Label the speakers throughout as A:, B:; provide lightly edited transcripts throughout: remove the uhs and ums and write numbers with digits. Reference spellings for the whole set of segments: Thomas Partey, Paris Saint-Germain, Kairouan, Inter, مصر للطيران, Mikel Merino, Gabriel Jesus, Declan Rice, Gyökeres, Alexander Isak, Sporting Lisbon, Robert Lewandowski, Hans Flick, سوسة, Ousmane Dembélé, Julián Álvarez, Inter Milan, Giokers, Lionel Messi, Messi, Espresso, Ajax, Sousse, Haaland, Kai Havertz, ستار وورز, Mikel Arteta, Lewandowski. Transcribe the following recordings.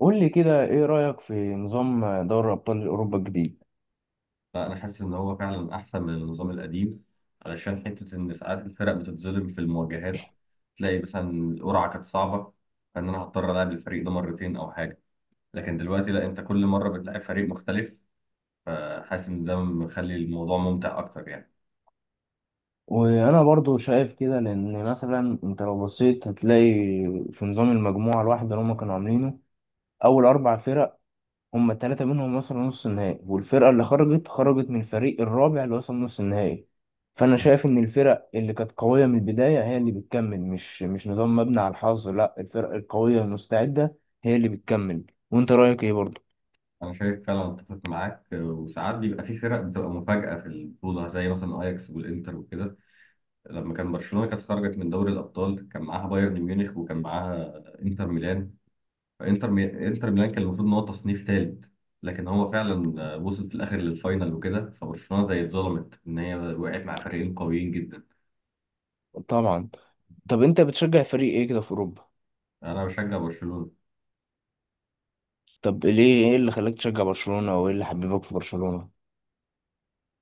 A: قول لي كده، ايه رأيك في نظام دوري ابطال اوروبا الجديد؟
B: لا انا حاسس ان هو فعلا احسن من النظام القديم، علشان حته ان ساعات الفرق بتتظلم في المواجهات. تلاقي مثلا القرعه كانت صعبه، فان انا هضطر العب الفريق ده مرتين او حاجه، لكن دلوقتي لا، انت كل مره بتلاعب فريق مختلف. فحاسس ان ده مخلي الموضوع ممتع اكتر يعني.
A: وانا برضو شايف كده لان مثلا انت لو بصيت هتلاقي في نظام المجموعة الواحدة اللي هم كانوا عاملينه، اول اربع فرق هم التلاتة منهم وصلوا نص النهائي، والفرقة اللي خرجت خرجت من الفريق الرابع اللي وصل نص النهائي. فانا شايف ان الفرق اللي كانت قوية من البداية هي اللي بتكمل، مش نظام مبني على الحظ، لا، الفرق القوية المستعدة هي اللي بتكمل. وانت رأيك ايه برضو؟
B: انا شايف فعلا اتفق معاك، وساعات بيبقى في فرق بتبقى مفاجاه في البطوله، زي مثلا اياكس والانتر وكده. لما كان برشلونه كانت خرجت من دوري الابطال، كان معاها بايرن ميونخ وكان معاها انتر ميلان. انتر ميلان كان المفروض ان هو تصنيف ثالث، لكن هو فعلا وصل في الاخر للفاينل وكده، فبرشلونه زي اتظلمت ان هي وقعت مع فريقين قويين جدا.
A: طبعا. طب انت بتشجع فريق ايه كده في اوروبا؟
B: انا بشجع برشلونه.
A: طب ليه، ايه اللي خلاك تشجع برشلونة، او ايه اللي حببك في برشلونة؟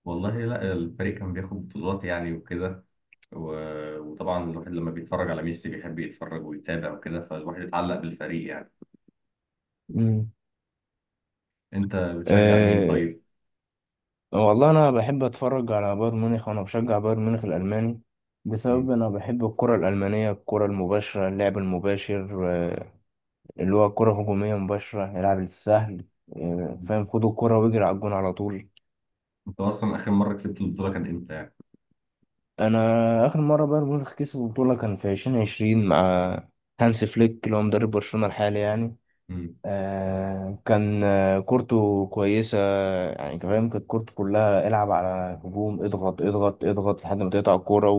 B: والله لا، الفريق كان بياخد بطولات يعني وكده، و... وطبعا الواحد لما بيتفرج على ميسي بيحب يتفرج ويتابع وكده، فالواحد اتعلق بالفريق يعني.
A: مم.
B: انت بتشجع مين
A: أه.
B: طيب؟
A: والله انا بحب اتفرج على بايرن ميونخ، وانا بشجع بايرن ميونخ الالماني، بسبب
B: مم.
A: انا بحب الكرة الالمانية، الكرة المباشرة، اللعب المباشر، اللي هو كرة هجومية مباشرة، يلعب السهل،
B: مم.
A: فاهم، خدوا الكرة واجري على الجون على طول.
B: انت اصلا اخر مره كسبت البطوله كان امتى يعني؟
A: انا اخر مرة بايرن ميونخ كسبوا بطولة كان في 2020 مع هانس فليك، اللي هو مدرب برشلونة الحالي يعني.
B: مم.
A: كان كورته كويسة. يعني أنت فاهم، كانت كورته كلها العب على هجوم، اضغط اضغط اضغط لحد ما تقطع الكورة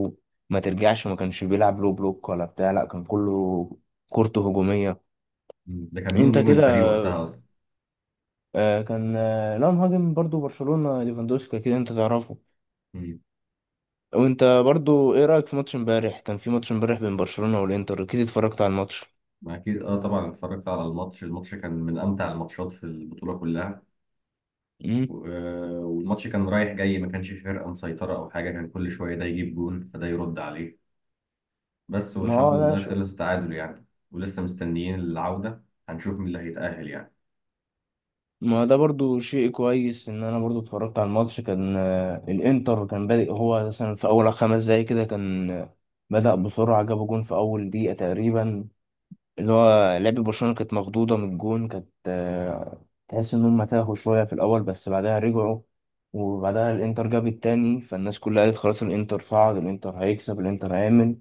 A: وما ترجعش، ما كانش بيلعب لو بلوك ولا بتاع، لا كان كله كورته هجومية.
B: مم. ده كان مين
A: انت
B: نجم الفريق
A: كده،
B: وقتها اصلا؟
A: كان لا، مهاجم برضو برشلونة، ليفاندوسكي، كده انت تعرفه. وانت برضو ايه رأيك في ماتش امبارح؟ كان في ماتش امبارح بين برشلونة والانتر، اكيد اتفرجت على الماتش.
B: أكيد أه، طبعا اتفرجت على الماتش. الماتش كان من أمتع الماتشات في البطولة كلها.
A: مم.
B: والماتش كان رايح جاي، ما كانش في فرقة مسيطرة أو حاجة، كان كل شوية ده يجيب جون فده يرد عليه. بس
A: ما
B: والحمد
A: هو
B: لله
A: ده.
B: خلص تعادل يعني، ولسه مستنيين العودة. هنشوف مين اللي هيتأهل يعني.
A: ما ده برضو شيء كويس. ان انا برضو اتفرجت على الماتش، كان الانتر كان بادئ هو مثلا في اول 5 دقايق كده، كان بدأ بسرعة، جاب جون في اول دقيقة تقريبا، اللي هو لعب برشلونة كانت مخضوضة من الجون، كانت تحس ان هم تاهوا شوية في الاول، بس بعدها رجعوا. وبعدها الانتر جاب التاني، فالناس كلها قالت خلاص الانتر صعد، الانتر هيكسب، الانتر هيعمل.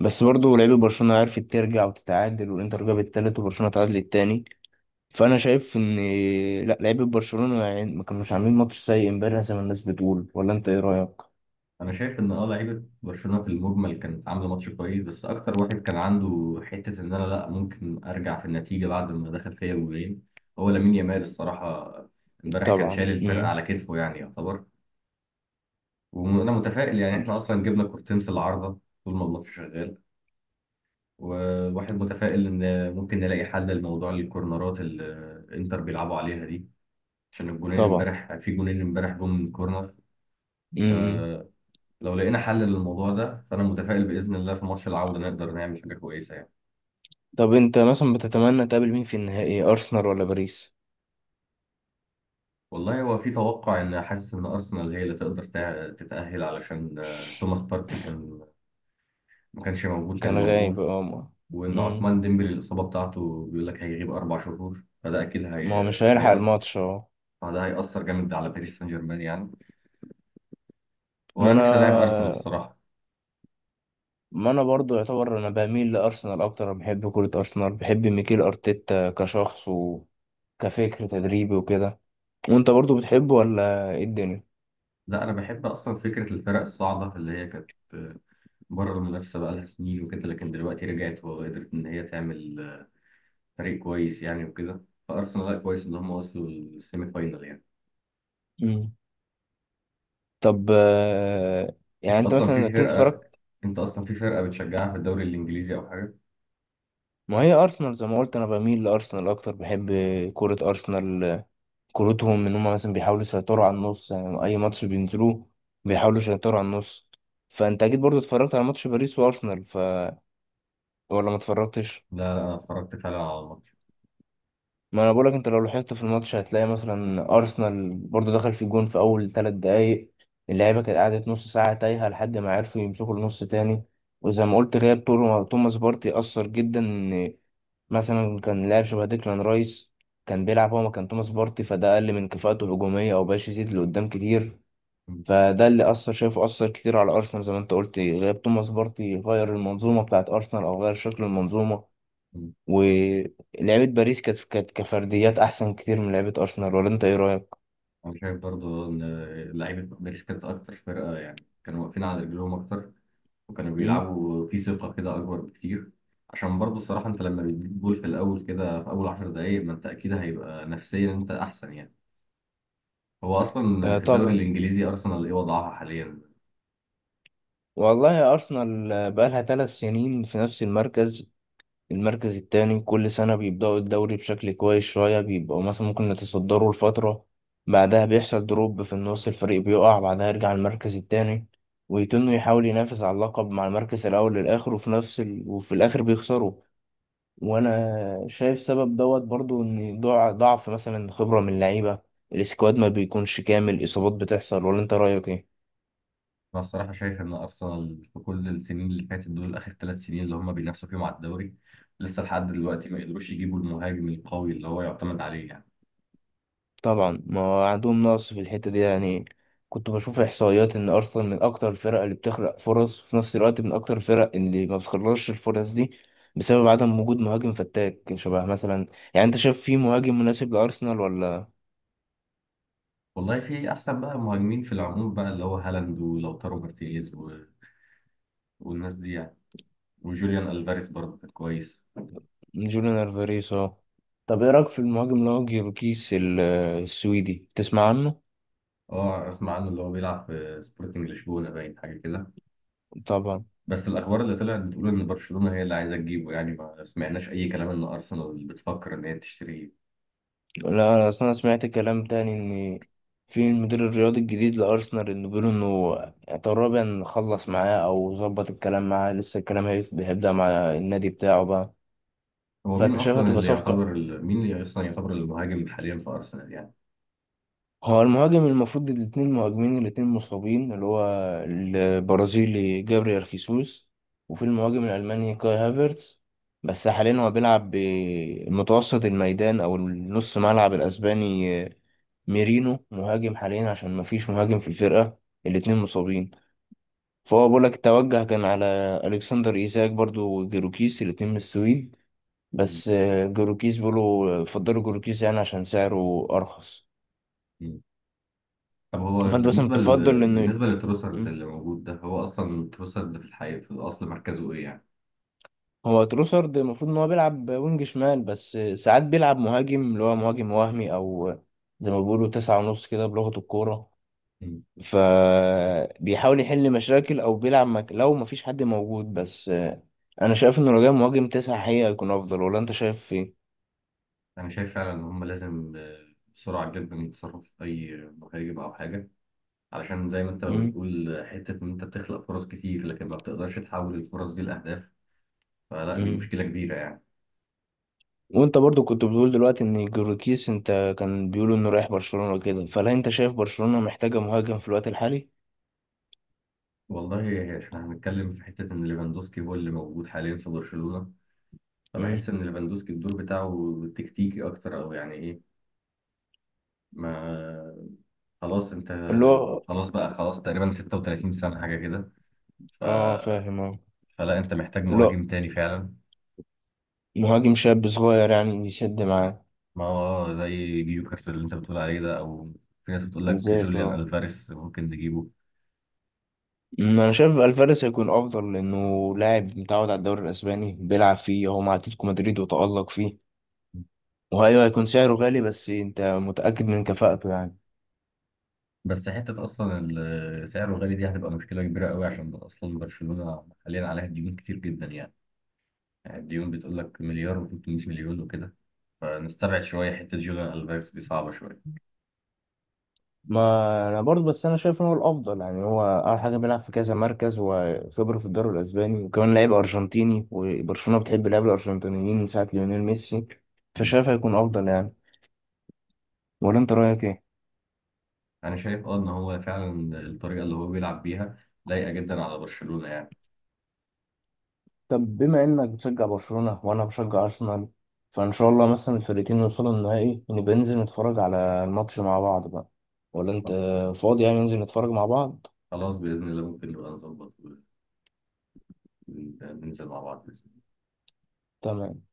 A: بس برضو لعيبة برشلونة عرفت ترجع وتتعادل، والانتر جاب التالت وبرشلونة تعادل التاني. فانا شايف ان، لا، لعيبه برشلونه يعني ما كانوش عاملين ماتش سيء امبارح زي ما الناس بتقول، ولا انت ايه رايك؟
B: أنا شايف إن لعيبة برشلونة في المجمل كانت عاملة ماتش كويس، بس أكتر واحد كان عنده حتة إن أنا لأ، ممكن أرجع في النتيجة بعد ما دخل فيا جولين، هو لامين يامال الصراحة. امبارح كان
A: طبعا.
B: شايل الفرقة
A: امم.
B: على كتفه يعني، يعتبر. وانا متفائل يعني، احنا اصلا جبنا كورتين في العارضه طول ما الماتش شغال، والواحد متفائل ان ممكن نلاقي حل لموضوع الكورنرات اللي انتر بيلعبوا عليها دي، عشان الجونين
A: طبعا.
B: امبارح، في جونين امبارح جم من كورنر.
A: امم.
B: فلو لقينا حل للموضوع ده، فانا متفائل باذن الله في ماتش العوده نقدر نعمل حاجه كويسه يعني.
A: طب انت مثلا بتتمنى تقابل مين في النهائي، ارسنال ولا باريس؟
B: والله هو في توقع، ان حاسس ان ارسنال هي اللي تقدر تتاهل، علشان توماس بارتي كان، ما كانش موجود، كان
A: كان غايب
B: موقوف.
A: اه ما.
B: وان
A: مم.
B: عثمان ديمبلي الاصابه بتاعته بيقول لك هيغيب 4 شهور، فده اكيد
A: ما هو مش هيلحق
B: هيأثر.
A: الماتش اه.
B: فده هيأثر جامد على باريس سان جيرمان يعني.
A: ما
B: وانا
A: انا
B: نفسي العب ارسنال الصراحه.
A: ما انا برضو يعتبر، انا بميل لارسنال اكتر، أنا بحب كرة ارسنال، بحب ميكيل ارتيتا كشخص وكفكر تدريبي وكده. وانت برضو بتحبه ولا ايه الدنيا؟
B: لا، انا بحب اصلا فكره الفرق الصاعده اللي هي كانت بره المنافسه بقى لها سنين وكده، لكن دلوقتي رجعت وقدرت ان هي تعمل فريق كويس يعني وكده. فارسنال لا، كويس ان هم وصلوا للسيمي فاينال يعني.
A: طب، يعني
B: انت
A: انت
B: اصلا
A: مثلا
B: في
A: اكيد
B: فرقه
A: اتفرجت.
B: انت اصلا في فرقه بتشجعها في الدوري الانجليزي او حاجه؟
A: ما هي ارسنال زي ما قلت، انا بميل لارسنال اكتر، بحب كرة ارسنال، كورتهم ان هم مثلا بيحاولوا يسيطروا على النص، يعني اي ماتش بينزلوه بيحاولوا يسيطروا على النص. فانت اكيد برضو اتفرجت على ماتش باريس وارسنال ولا ما اتفرجتش؟
B: لا لا، انا اتفرجت فعلا على الماتش.
A: ما انا بقولك، انت لو لاحظت في الماتش هتلاقي مثلا ارسنال برضو دخل في الجون في اول 3 دقايق، اللعيبه كانت قعدت نص ساعه تايهه لحد ما عرفوا يمسكوا النص تاني. وزي ما قلت، غياب توماس بارتي اثر جدا، مثلا كان لاعب شبه ديكلان رايس كان بيلعب هو مكان توماس بارتي، فده أقل من كفاءته هجومية، أو بقاش يزيد لقدام كتير. فده اللي أثر، شايفه أثر كتير على أرسنال، زي ما أنت قلت، غياب توماس بارتي غير المنظومة بتاعت أرسنال، أو غير شكل المنظومة. ولعيبة باريس كانت كفرديات أحسن كتير من لعيبة أرسنال، ولا أنت إيه رأيك؟
B: انا شايف برضو ان لعيبه باريس كانت اكتر فرقه يعني، كانوا واقفين على رجلهم اكتر، وكانوا
A: مم؟
B: بيلعبوا في ثقه كده اكبر بكتير. عشان برضو الصراحه انت لما بتجيب جول في الاول كده في اول 10 دقائق، ما انت اكيد هيبقى نفسيا انت احسن يعني. هو اصلا
A: آه
B: في الدوري
A: طبعا.
B: الانجليزي ارسنال ايه وضعها حاليا؟
A: والله يا أرسنال، بقالها 3 سنين في نفس المركز، المركز التاني، كل سنة بيبدأوا الدوري بشكل كويس شوية، بيبقوا مثلا ممكن يتصدروا لفترة، بعدها بيحصل دروب في النص، الفريق بيقع، بعدها يرجع المركز التاني، ويتنه يحاول ينافس على اللقب مع المركز الأول للآخر، وفي الآخر بيخسروا. وأنا شايف سبب دوت برضو، إن ضعف مثلا خبرة من اللعيبة، السكواد ما بيكونش كامل، إصابات بتحصل، ولا أنت رأيك إيه؟
B: انا الصراحه شايف ان ارسنال في كل السنين اللي فاتت دول، اخر 3 سنين اللي هم بينافسوا فيهم على الدوري، لسه لحد دلوقتي ما قدروش يجيبوا المهاجم القوي اللي هو يعتمد عليه يعني.
A: طبعا. ما هو عندهم نقص في الحتة دي يعني. كنت بشوف إحصائيات إن أرسنال من أكتر الفرق اللي بتخلق فرص، في نفس الوقت من أكتر الفرق اللي ما بتخلصش الفرص دي، بسبب عدم وجود مهاجم فتاك شبه مثلا، يعني أنت شايف في مهاجم مناسب لأرسنال ولا؟
B: والله في احسن بقى مهاجمين في العموم بقى، اللي هو هالاند ولوتارو مارتينيز والناس دي يعني. وجوليان الفاريز برضه كان كويس.
A: جوليان ألفاريز أه. طب إيه رأيك في المهاجم اللي هو جيوركيس السويدي، تسمع عنه؟
B: اه اسمع عنه، اللي هو بيلعب في سبورتنج لشبونه، باين حاجه كده.
A: طبعا.
B: بس الاخبار اللي طلعت بتقول ان برشلونه هي اللي عايزه تجيبه يعني، ما سمعناش اي كلام ان ارسنال بتفكر ان هي تشتريه.
A: لا أنا أصلا سمعت كلام تاني، إن في المدير الرياضي الجديد لأرسنال، إنه بيقولوا إنه تقريبا خلص معاه أو ظبط الكلام معاه، لسه الكلام هيبدأ مع النادي بتاعه بقى.
B: هو مين
A: فأنت شايف
B: اصلا
A: هتبقى
B: اللي
A: صفقة؟
B: يعتبر مين اللي اصلا يعتبر المهاجم حاليا في ارسنال يعني؟
A: هو المهاجم المفروض، الاثنين مهاجمين الاثنين مصابين، اللي هو البرازيلي جابريال خيسوس، وفي المهاجم الألماني كاي هافرتز، بس حاليا هو بيلعب بمتوسط الميدان أو النص ملعب، الأسباني ميرينو، مهاجم حاليا عشان مفيش مهاجم في الفرقة، الاتنين مصابين. فهو بقولك التوجه كان على ألكسندر إيزاك برضو وجيروكيس، الاتنين من السويد،
B: م-
A: بس جيروكيس بيقولوا فضلوا جيروكيس يعني عشان سعره أرخص.
B: م. طب هو
A: فأنت مثلا تفضل إن.
B: بالنسبه لتروسرد
A: مم.
B: اللي موجود ده، هو اصلا تروسرد في الحقيقه في الاصل مركزه ايه يعني؟
A: هو تروسارد المفروض ان هو بيلعب وينج شمال، بس ساعات بيلعب مهاجم، اللي هو مهاجم وهمي، او زي ما بيقولوا تسعة ونص كده بلغة الكورة، فبيحاول يحل مشاكل، او بيلعب لو مفيش حد موجود، بس انا شايف انه لو جاي مهاجم تسعة حقيقة هيكون افضل، ولا انت شايف ايه؟
B: أنا شايف فعلا إن هم لازم بسرعة جدا يتصرفوا في أي مهاجم أو حاجة، علشان زي ما أنت
A: مم.
B: بتقول حتة إن أنت بتخلق فرص كتير لكن ما بتقدرش تحول الفرص دي لأهداف. فلا، دي
A: مم.
B: مشكلة كبيرة يعني.
A: وانت برضو كنت بتقول دلوقتي ان جوركيس، انت كان بيقولوا انه رايح برشلونة كده، فهل انت شايف برشلونة محتاجة مهاجم في الوقت الحالي؟
B: والله إحنا هنتكلم في حتة إن ليفاندوسكي هو اللي موجود حاليا في برشلونة، فبحس
A: مم.
B: إن ليفاندوسكي الدور بتاعه تكتيكي أكتر، أو يعني إيه، ما خلاص أنت
A: اللي هو.
B: خلاص بقى، خلاص تقريبا 36 سنة حاجة كده ف...
A: اه فاهم اه.
B: فلا، أنت محتاج
A: لا،
B: مهاجم تاني فعلا.
A: مهاجم شاب صغير يعني يسد معاه.
B: ما هو زي جيوكرس اللي انت بتقول عليه ده، او في ناس بتقول لك
A: ازيك
B: جوليان
A: اه.
B: الفاريس ممكن نجيبه.
A: انا شايف الفاريز هيكون افضل، لانه لاعب متعود على الدوري الاسباني، بيلعب فيه هو مع اتلتيكو مدريد وتالق فيه، وهيو هيكون سعره غالي بس انت متاكد من كفاءته يعني.
B: بس حته اصلا سعره غالي دي هتبقى مشكله كبيره قوي، عشان اصلا برشلونه حاليا عليها ديون كتير جدا يعني. يعني الديون بتقول لك مليار و300 مليون وكده، فنستبعد شويه حته جوليان الفاريس دي صعبه شويه.
A: ما انا برضه، بس انا شايف ان هو الافضل يعني، هو اول حاجه بيلعب في كذا مركز، وخبره في الدوري الاسباني، وكمان لعيب ارجنتيني، وبرشلونه بتحب اللعيبه الارجنتينيين من ساعه ليونيل ميسي،
B: مم.
A: فشايف هيكون افضل يعني. ولا انت رايك ايه؟
B: انا شايف اه ان هو فعلا الطريقه اللي هو بيلعب بيها لايقه جدا على برشلونه يعني.
A: طب بما انك بتشجع برشلونة وانا بشجع ارسنال، فان شاء الله مثلا الفرقتين يوصلوا النهائي، نبقى ننزل نتفرج على الماتش مع بعض بقى، ولا انت فاضي يعني ننزل نتفرج مع بعض؟
B: خلاص باذن الله ممكن نبقى نظبط وننزل مع بعض بإذن الله.
A: تمام.